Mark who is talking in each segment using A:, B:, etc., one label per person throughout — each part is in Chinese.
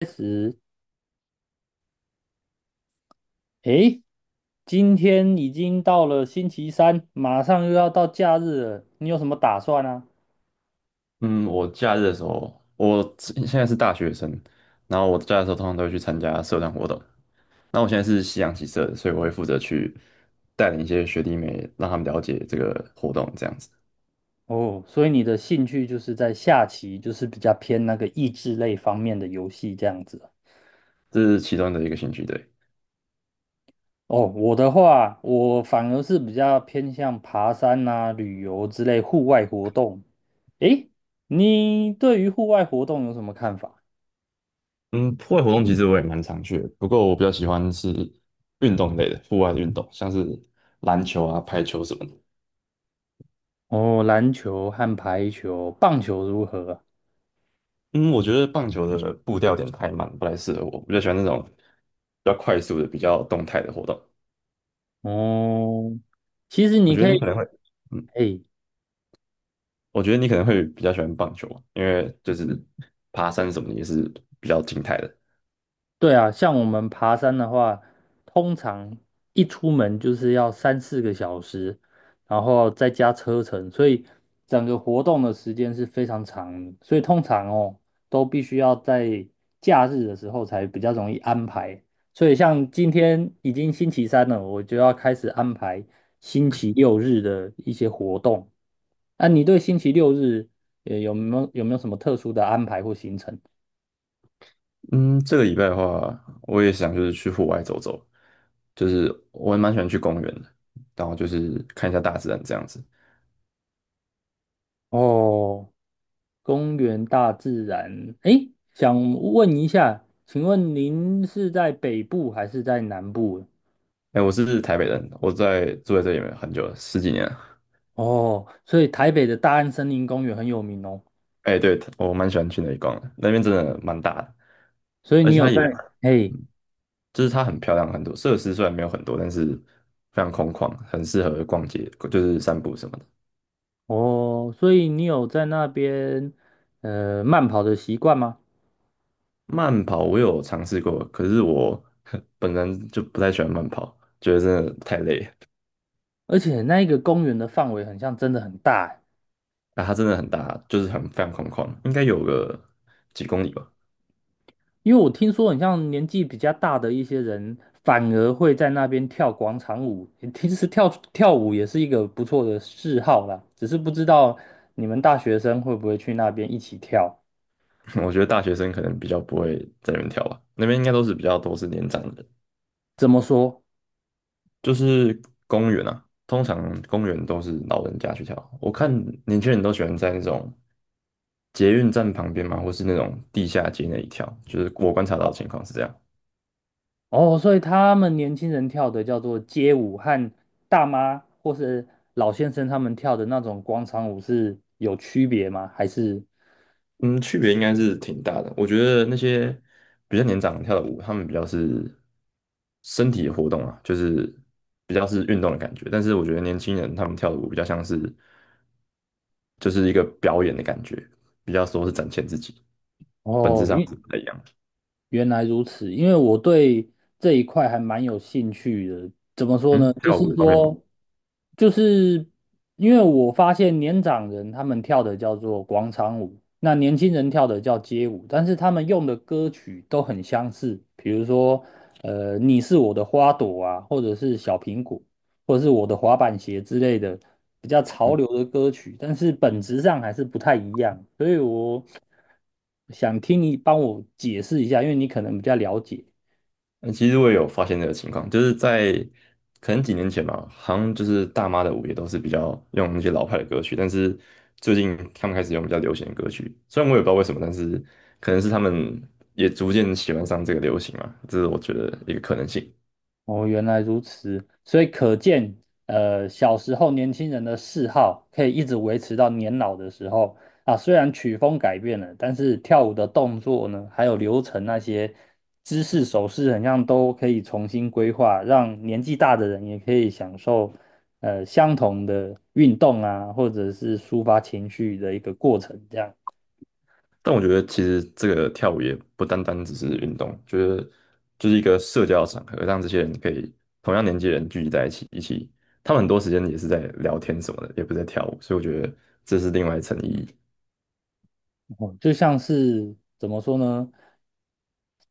A: 开始诶，今天已经到了星期三，马上又要到假日了，你有什么打算啊？
B: 嗯，我假日的时候，现在是大学生，然后我假日的时候通常都会去参加社团活动。那我现在是夕阳棋社的，所以我会负责去带领一些学弟妹，让他们了解这个活动，这样子，
A: 哦，所以你的兴趣就是在下棋，就是比较偏那个益智类方面的游戏这样子啊。
B: 这是其中的一个兴趣。对。
A: 哦，我的话，我反而是比较偏向爬山啊、旅游之类户外活动。诶，你对于户外活动有什么看法？
B: 嗯，户外活动其实我也蛮常去的，不过我比较喜欢是运动类的，户外的运动，像是篮球啊、排球什么的。
A: 哦，篮球和排球、棒球如何啊？
B: 嗯，我觉得棒球的步调有点太慢，不太适合我。我比较喜欢那种比较快速的、比较动态的活动。
A: 哦，其实
B: 我
A: 你
B: 觉
A: 可
B: 得你
A: 以。
B: 可能会。嗯。
A: 哎，
B: 我觉得你可能会比较喜欢棒球，因为就是爬山什么的也是比较静态的。
A: 对啊，像我们爬山的话，通常一出门就是要三四个小时，然后再加车程，所以整个活动的时间是非常长的，所以通常哦，都必须要在假日的时候才比较容易安排。所以像今天已经星期三了，我就要开始安排星期六日的一些活动。那你对星期六日有没有什么特殊的安排或行程？
B: 嗯，这个礼拜的话，我也想就是去户外走走，就是我也蛮喜欢去公园的，然后就是看一下大自然这样子。
A: 哦。公园大自然。诶，想问一下，请问您是在北部还是在南部？
B: 哎，我是台北人，住在这里面很久了，十几年了。
A: 哦，所以台北的大安森林公园很有名哦。
B: 哎，对，我蛮喜欢去那里逛的，那边真的蛮大的，
A: 所以
B: 而
A: 你
B: 且
A: 有
B: 它也，
A: 在，嘿，
B: 嗯，就是它很漂亮，很多设施虽然没有很多，但是非常空旷，很适合逛街，就是散步什么的。
A: 哦，所以你有在那边慢跑的习惯吗？
B: 慢跑我有尝试过，可是我 本人就不太喜欢慢跑，觉得真的太累了。
A: 而且那一个公园的范围很像真的很大欸，
B: 啊，它真的很大，就是很非常空旷，应该有个几公里吧。
A: 因为我听说，很像年纪比较大的一些人，反而会在那边跳广场舞。其实跳跳舞也是一个不错的嗜好啦，只是不知道你们大学生会不会去那边一起跳。
B: 我觉得大学生可能比较不会在那边跳吧，那边应该都是比较多是年长的人，
A: 怎么说？
B: 就是公园啊，通常公园都是老人家去跳。我看年轻人都喜欢在那种捷运站旁边嘛，或是那种地下街那里跳，就是我观察到的情况是这样。
A: 哦，所以他们年轻人跳的叫做街舞，和大妈或是老先生他们跳的那种广场舞是有区别吗？还是
B: 嗯，区别应该是挺大的。我觉得那些比较年长跳的舞，他们比较是身体的活动啊，就是比较是运动的感觉。但是我觉得年轻人他们跳的舞比较像是就是一个表演的感觉，比较说是展现自己，本质
A: 哦，
B: 上是不太一样的。
A: 原来如此，因为我对这一块还蛮有兴趣的。怎么说呢？
B: 嗯，
A: 就
B: 跳
A: 是
B: 舞的方面吗？
A: 说，就是因为我发现年长人他们跳的叫做广场舞，那年轻人跳的叫街舞，但是他们用的歌曲都很相似，比如说，你是我的花朵啊，或者是小苹果。或者是我的滑板鞋之类的比较潮
B: 嗯。
A: 流的歌曲，但是本质上还是不太一样，所以我想听你帮我解释一下，因为你可能比较了解。
B: 嗯，其实我也有发现这个情况，就是在可能几年前吧，好像就是大妈的舞也都是比较用那些老派的歌曲，但是最近他们开始用比较流行的歌曲，虽然我也不知道为什么，但是可能是他们也逐渐喜欢上这个流行嘛，这是我觉得一个可能性。
A: 哦，原来如此，所以可见，小时候年轻人的嗜好可以一直维持到年老的时候啊。虽然曲风改变了，但是跳舞的动作呢，还有流程那些姿势、手势，很像都可以重新规划，让年纪大的人也可以享受相同的运动啊，或者是抒发情绪的一个过程。这样，
B: 但我觉得其实这个跳舞也不单单只是运动，就是一个社交场合，让这些人可以同样年纪的人聚集在一起，一起，他们很多时间也是在聊天什么的，也不是在跳舞，所以我觉得这是另外一层意义。
A: 哦，就像是怎么说呢，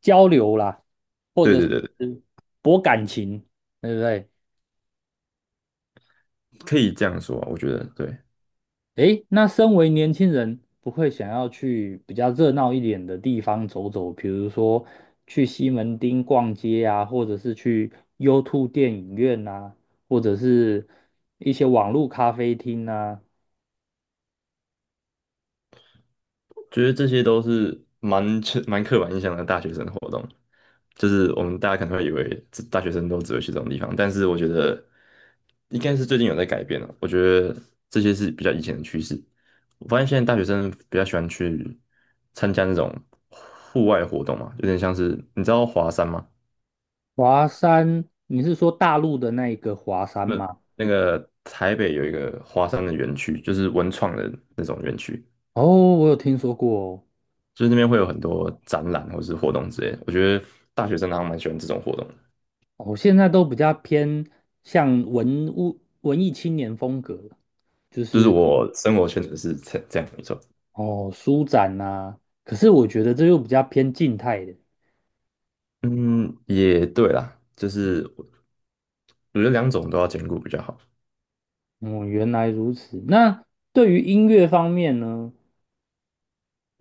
A: 交流啦。或
B: 对
A: 者
B: 对
A: 是
B: 对对，
A: 博感情，对不对？
B: 可以这样说啊我觉得对。
A: 诶，那身为年轻人，不会想要去比较热闹一点的地方走走，比如说去西门町逛街啊，或者是去 U2 电影院啊，或者是一些网络咖啡厅啊。
B: 觉得这些都是蛮刻板印象的大学生活动，就是我们大家可能会以为这大学生都只会去这种地方，但是我觉得应该是最近有在改变了，我觉得这些是比较以前的趋势。我发现现在大学生比较喜欢去参加那种户外活动嘛，有点像是你知道华山吗？
A: 华山，你是说大陆的那一个华山
B: 那
A: 吗？
B: 那个台北有一个华山的园区，就是文创的那种园区。
A: 哦，我有听说过哦。
B: 就是那边会有很多展览或是活动之类的。我觉得大学生好像蛮喜欢这种活动的，
A: 我现在都比较偏向文物文艺青年风格，就
B: 就是
A: 是。
B: 我生活圈子是这样没错。
A: 哦，舒展呐、可是我觉得这又比较偏静态的。
B: 嗯，也对啦，就是我我觉得两种都要兼顾比较好。
A: 哦，原来如此。那对于音乐方面呢？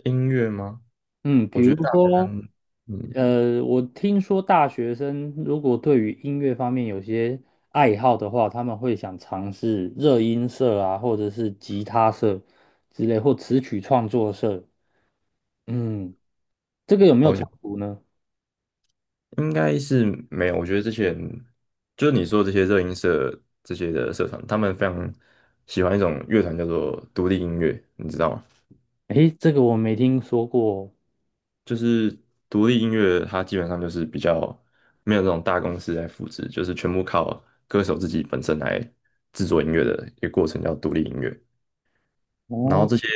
B: 音乐吗？
A: 嗯，比
B: 我觉
A: 如
B: 得大学
A: 说，
B: 生，嗯。
A: 我听说大学生如果对于音乐方面有些爱好的话，他们会想尝试热音社啊，或者是吉他社之类，或词曲创作社。嗯，这个有没有
B: 哦，有，
A: 冲突呢？
B: 应该是没有。我觉得这些人，就是你说的这些热音社这些的社团，他们非常喜欢一种乐团叫做独立音乐，你知道吗？
A: 诶，这个我没听说过。
B: 就是独立音乐，它基本上就是比较没有那种大公司来复制，就是全部靠歌手自己本身来制作音乐的一个过程，叫独立音乐。然后
A: 哦。
B: 这些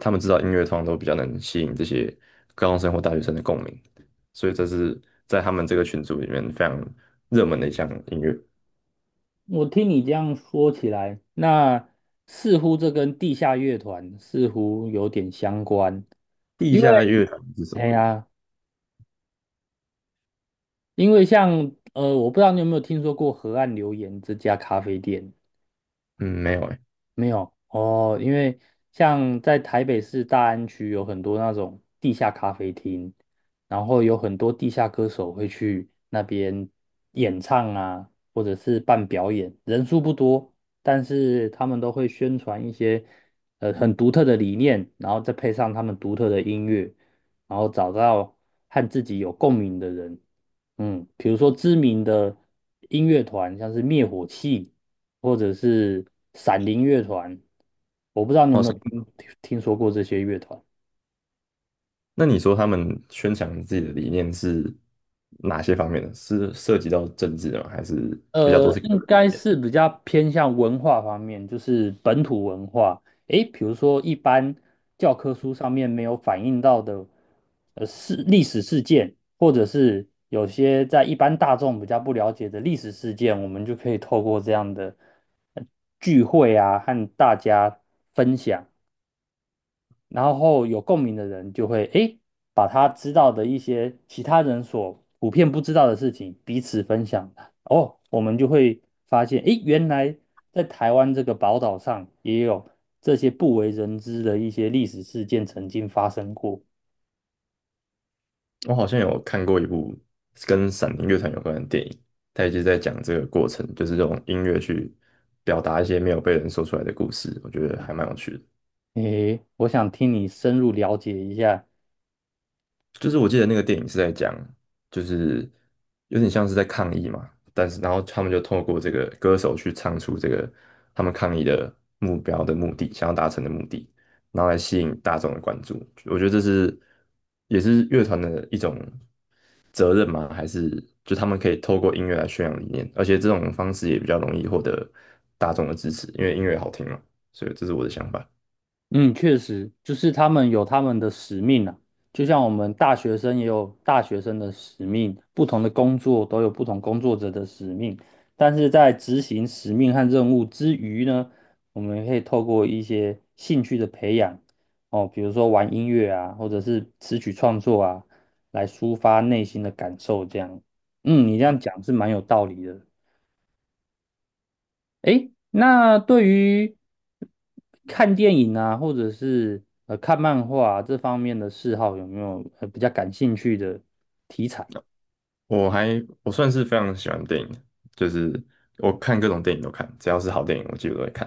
B: 他们知道音乐，通常都比较能吸引这些高中生或大学生的共鸣，所以这是在他们这个群组里面非常热门的一项音乐。
A: 我听你这样说起来，那似乎这跟地下乐团似乎有点相关，
B: 地
A: 因为
B: 下乐团是什
A: 哎
B: 么？
A: 呀，因为像我不知道你有没有听说过河岸留言这家咖啡店。
B: 嗯，没有哎。
A: 没有哦，因为像在台北市大安区有很多那种地下咖啡厅，然后有很多地下歌手会去那边演唱啊，或者是办表演，人数不多，但是他们都会宣传一些很独特的理念，然后再配上他们独特的音乐，然后找到和自己有共鸣的人，嗯，比如说知名的音乐团，像是灭火器。或者是闪灵乐团，我不知道你有
B: 哦，
A: 没有听说过这些乐团。
B: 那你说他们宣传自己的理念是哪些方面的？是涉及到政治的吗？还是比较多是个
A: 应
B: 人？
A: 该是比较偏向文化方面，就是本土文化。诶，比如说一般教科书上面没有反映到的，历史事件，或者是有些在一般大众比较不了解的历史事件，我们就可以透过这样的呃聚会啊，和大家分享。然后有共鸣的人就会诶，把他知道的一些其他人所普遍不知道的事情彼此分享。哦，我们就会发现诶，原来在台湾这个宝岛上也有这些不为人知的一些历史事件曾经发生过。
B: 我好像有看过一部跟闪灵乐团有关的电影，它也就是在讲这个过程，就是用音乐去表达一些没有被人说出来的故事，我觉得还蛮有趣的。
A: 诶，我想听你深入了解一下。
B: 就是我记得那个电影是在讲，就是有点像是在抗议嘛，但是然后他们就透过这个歌手去唱出这个他们抗议的目标的目的，想要达成的目的，然后来吸引大众的关注。我觉得这是也是乐团的一种责任吗？还是就他们可以透过音乐来宣扬理念？而且这种方式也比较容易获得大众的支持，因为音乐好听嘛。所以这是我的想法。
A: 嗯，确实，就是他们有他们的使命啊，就像我们大学生也有大学生的使命，不同的工作都有不同工作者的使命。但是在执行使命和任务之余呢，我们可以透过一些兴趣的培养，哦，比如说玩音乐啊，或者是词曲创作啊，来抒发内心的感受。这样，嗯，你这样讲是蛮有道理的。诶，那对于看电影啊，或者是看漫画啊这方面的嗜好，有没有比较感兴趣的题材？
B: 我算是非常喜欢电影的，就是我看各种电影都看，只要是好电影我几乎都会看。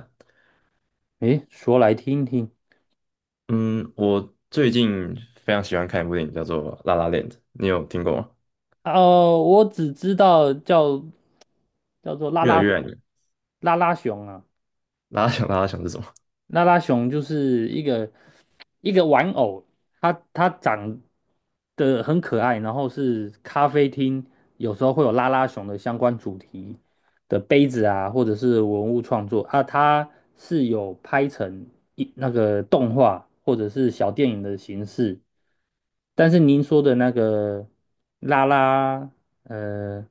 A: 诶，说来听听。
B: 嗯，我最近非常喜欢看一部电影叫做《拉拉 La Land》 你有听过吗？
A: 哦，我只知道叫做拉
B: 越来
A: 拉，
B: 越爱你，
A: 拉拉熊啊。
B: 拉拉想是什么，
A: 拉拉熊就是一个玩偶，它长得很可爱，然后是咖啡厅有时候会有拉拉熊的相关主题的杯子啊，或者是文物创作啊，它是有拍成一那个动画或者是小电影的形式。但是您说的那个拉拉，呃，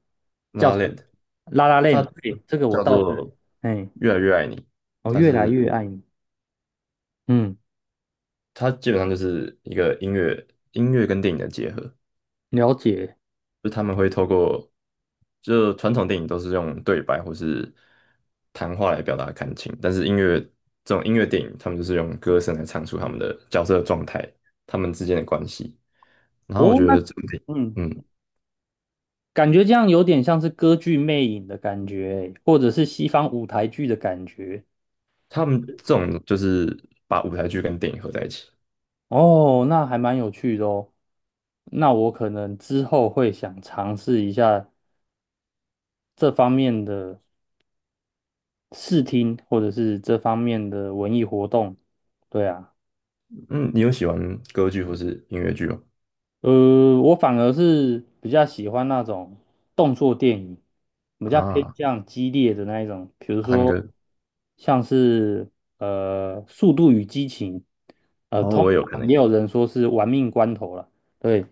B: 拉
A: 叫
B: a
A: 什
B: La
A: 么？
B: Land，
A: 拉拉
B: 它
A: 链，对，这个我
B: 叫
A: 倒是，
B: 做
A: 哎，
B: 《越来越爱你》，
A: 我
B: 它
A: 越来
B: 是，
A: 越爱你，嗯。
B: 它基本上就是一个音乐跟电影的结合，
A: 了解。
B: 就他们会透过，就传统电影都是用对白或是谈话来表达感情，但是音乐，这种音乐电影，他们就是用歌声来唱出他们的角色的状态，他们之间的关系。然后我
A: 哦，
B: 觉
A: 那
B: 得这种电影，
A: 嗯，
B: 嗯，
A: 感觉这样有点像是歌剧魅影的感觉欸或者是西方舞台剧的感觉。
B: 他们这种就是把舞台剧跟电影合在一起。
A: 哦，那还蛮有趣的哦。那我可能之后会想尝试一下这方面的视听，或者是这方面的文艺活动。对啊。
B: 嗯，你有喜欢歌剧或是音乐剧吗？
A: 我反而是比较喜欢那种动作电影，比较偏
B: 啊，
A: 向激烈的那一种，比如
B: 探
A: 说
B: 戈。
A: 像是《速度与激情》，
B: 哦，
A: 通
B: 我也有可
A: 常
B: 能。
A: 也有人说是《玩命关头》了，对，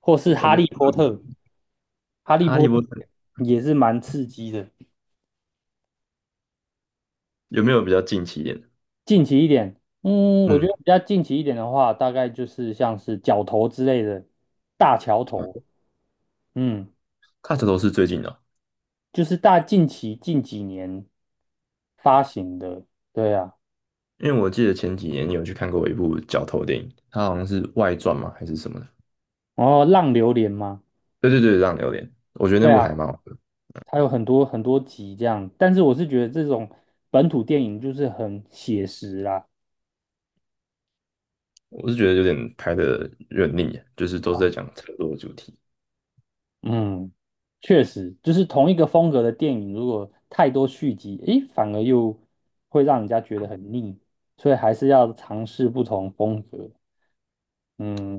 A: 或是
B: 我
A: 《哈
B: 觉得
A: 利波
B: 《嗯
A: 特》，《哈利
B: 哈
A: 波
B: 利
A: 特》
B: 波特》
A: 也是蛮刺激的。
B: 有没有比较近期一点？
A: 近期一点，嗯，我觉
B: 嗯，
A: 得比较近期一点的话，大概就是像是角头之类的大桥头，嗯。
B: 他这都是最近的哦。
A: 就是近期近几年发行的，对啊，
B: 因为我记得前几年你有去看过一部角头电影，它好像是外传嘛还是什么的。
A: 然后浪流连嘛，
B: 对对对，让有点。我觉得
A: 对
B: 那部
A: 啊，
B: 还蛮好的，
A: 它有很多很多集这样，但是我是觉得这种本土电影就是很写实啦，
B: 我是觉得有点拍的有点腻，就是都是
A: 啊，
B: 在讲车祸主题，
A: 嗯，确实，就是同一个风格的电影，如果太多续集，诶，反而又会让人家觉得很腻，所以还是要尝试不同风格，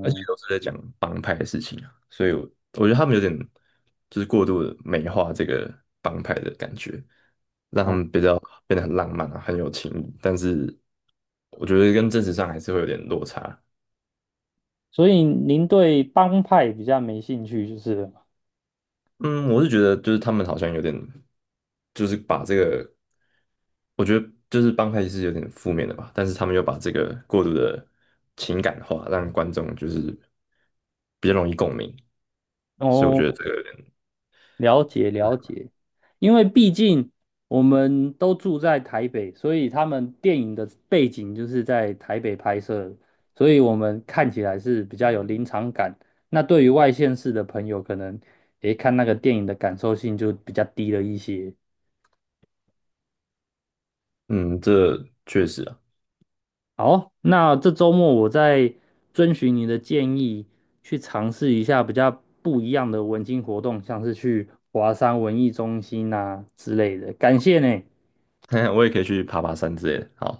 B: 而且都是在讲帮，所以我觉得他们有点就是过度的美化这个帮派的感觉，让他
A: 哦，
B: 们比较变得很浪漫啊，很有情义，但是我觉得跟真实上还是会有点落差。
A: 所以您对帮派比较没兴趣，就是了。
B: 嗯，我是觉得就是他们好像有点，就是把这个，我觉得就是帮派是有点负面的吧，但是他们又把这个过度的情感化，让观众就是比较容易共鸣，所以我
A: 哦。
B: 觉得这个有点。
A: 了解了解，因为毕竟我们都住在台北，所以他们电影的背景就是在台北拍摄的，所以我们看起来是比较有临场感。那对于外县市的朋友，可能诶看那个电影的感受性就比较低了一些。
B: 嗯，这确实啊。
A: 好，那这周末我再遵循你的建议，去尝试一下比较不一样的文青活动，像是去华山文艺中心啊之类的。感谢呢。
B: 我也可以去爬爬山之类的，好。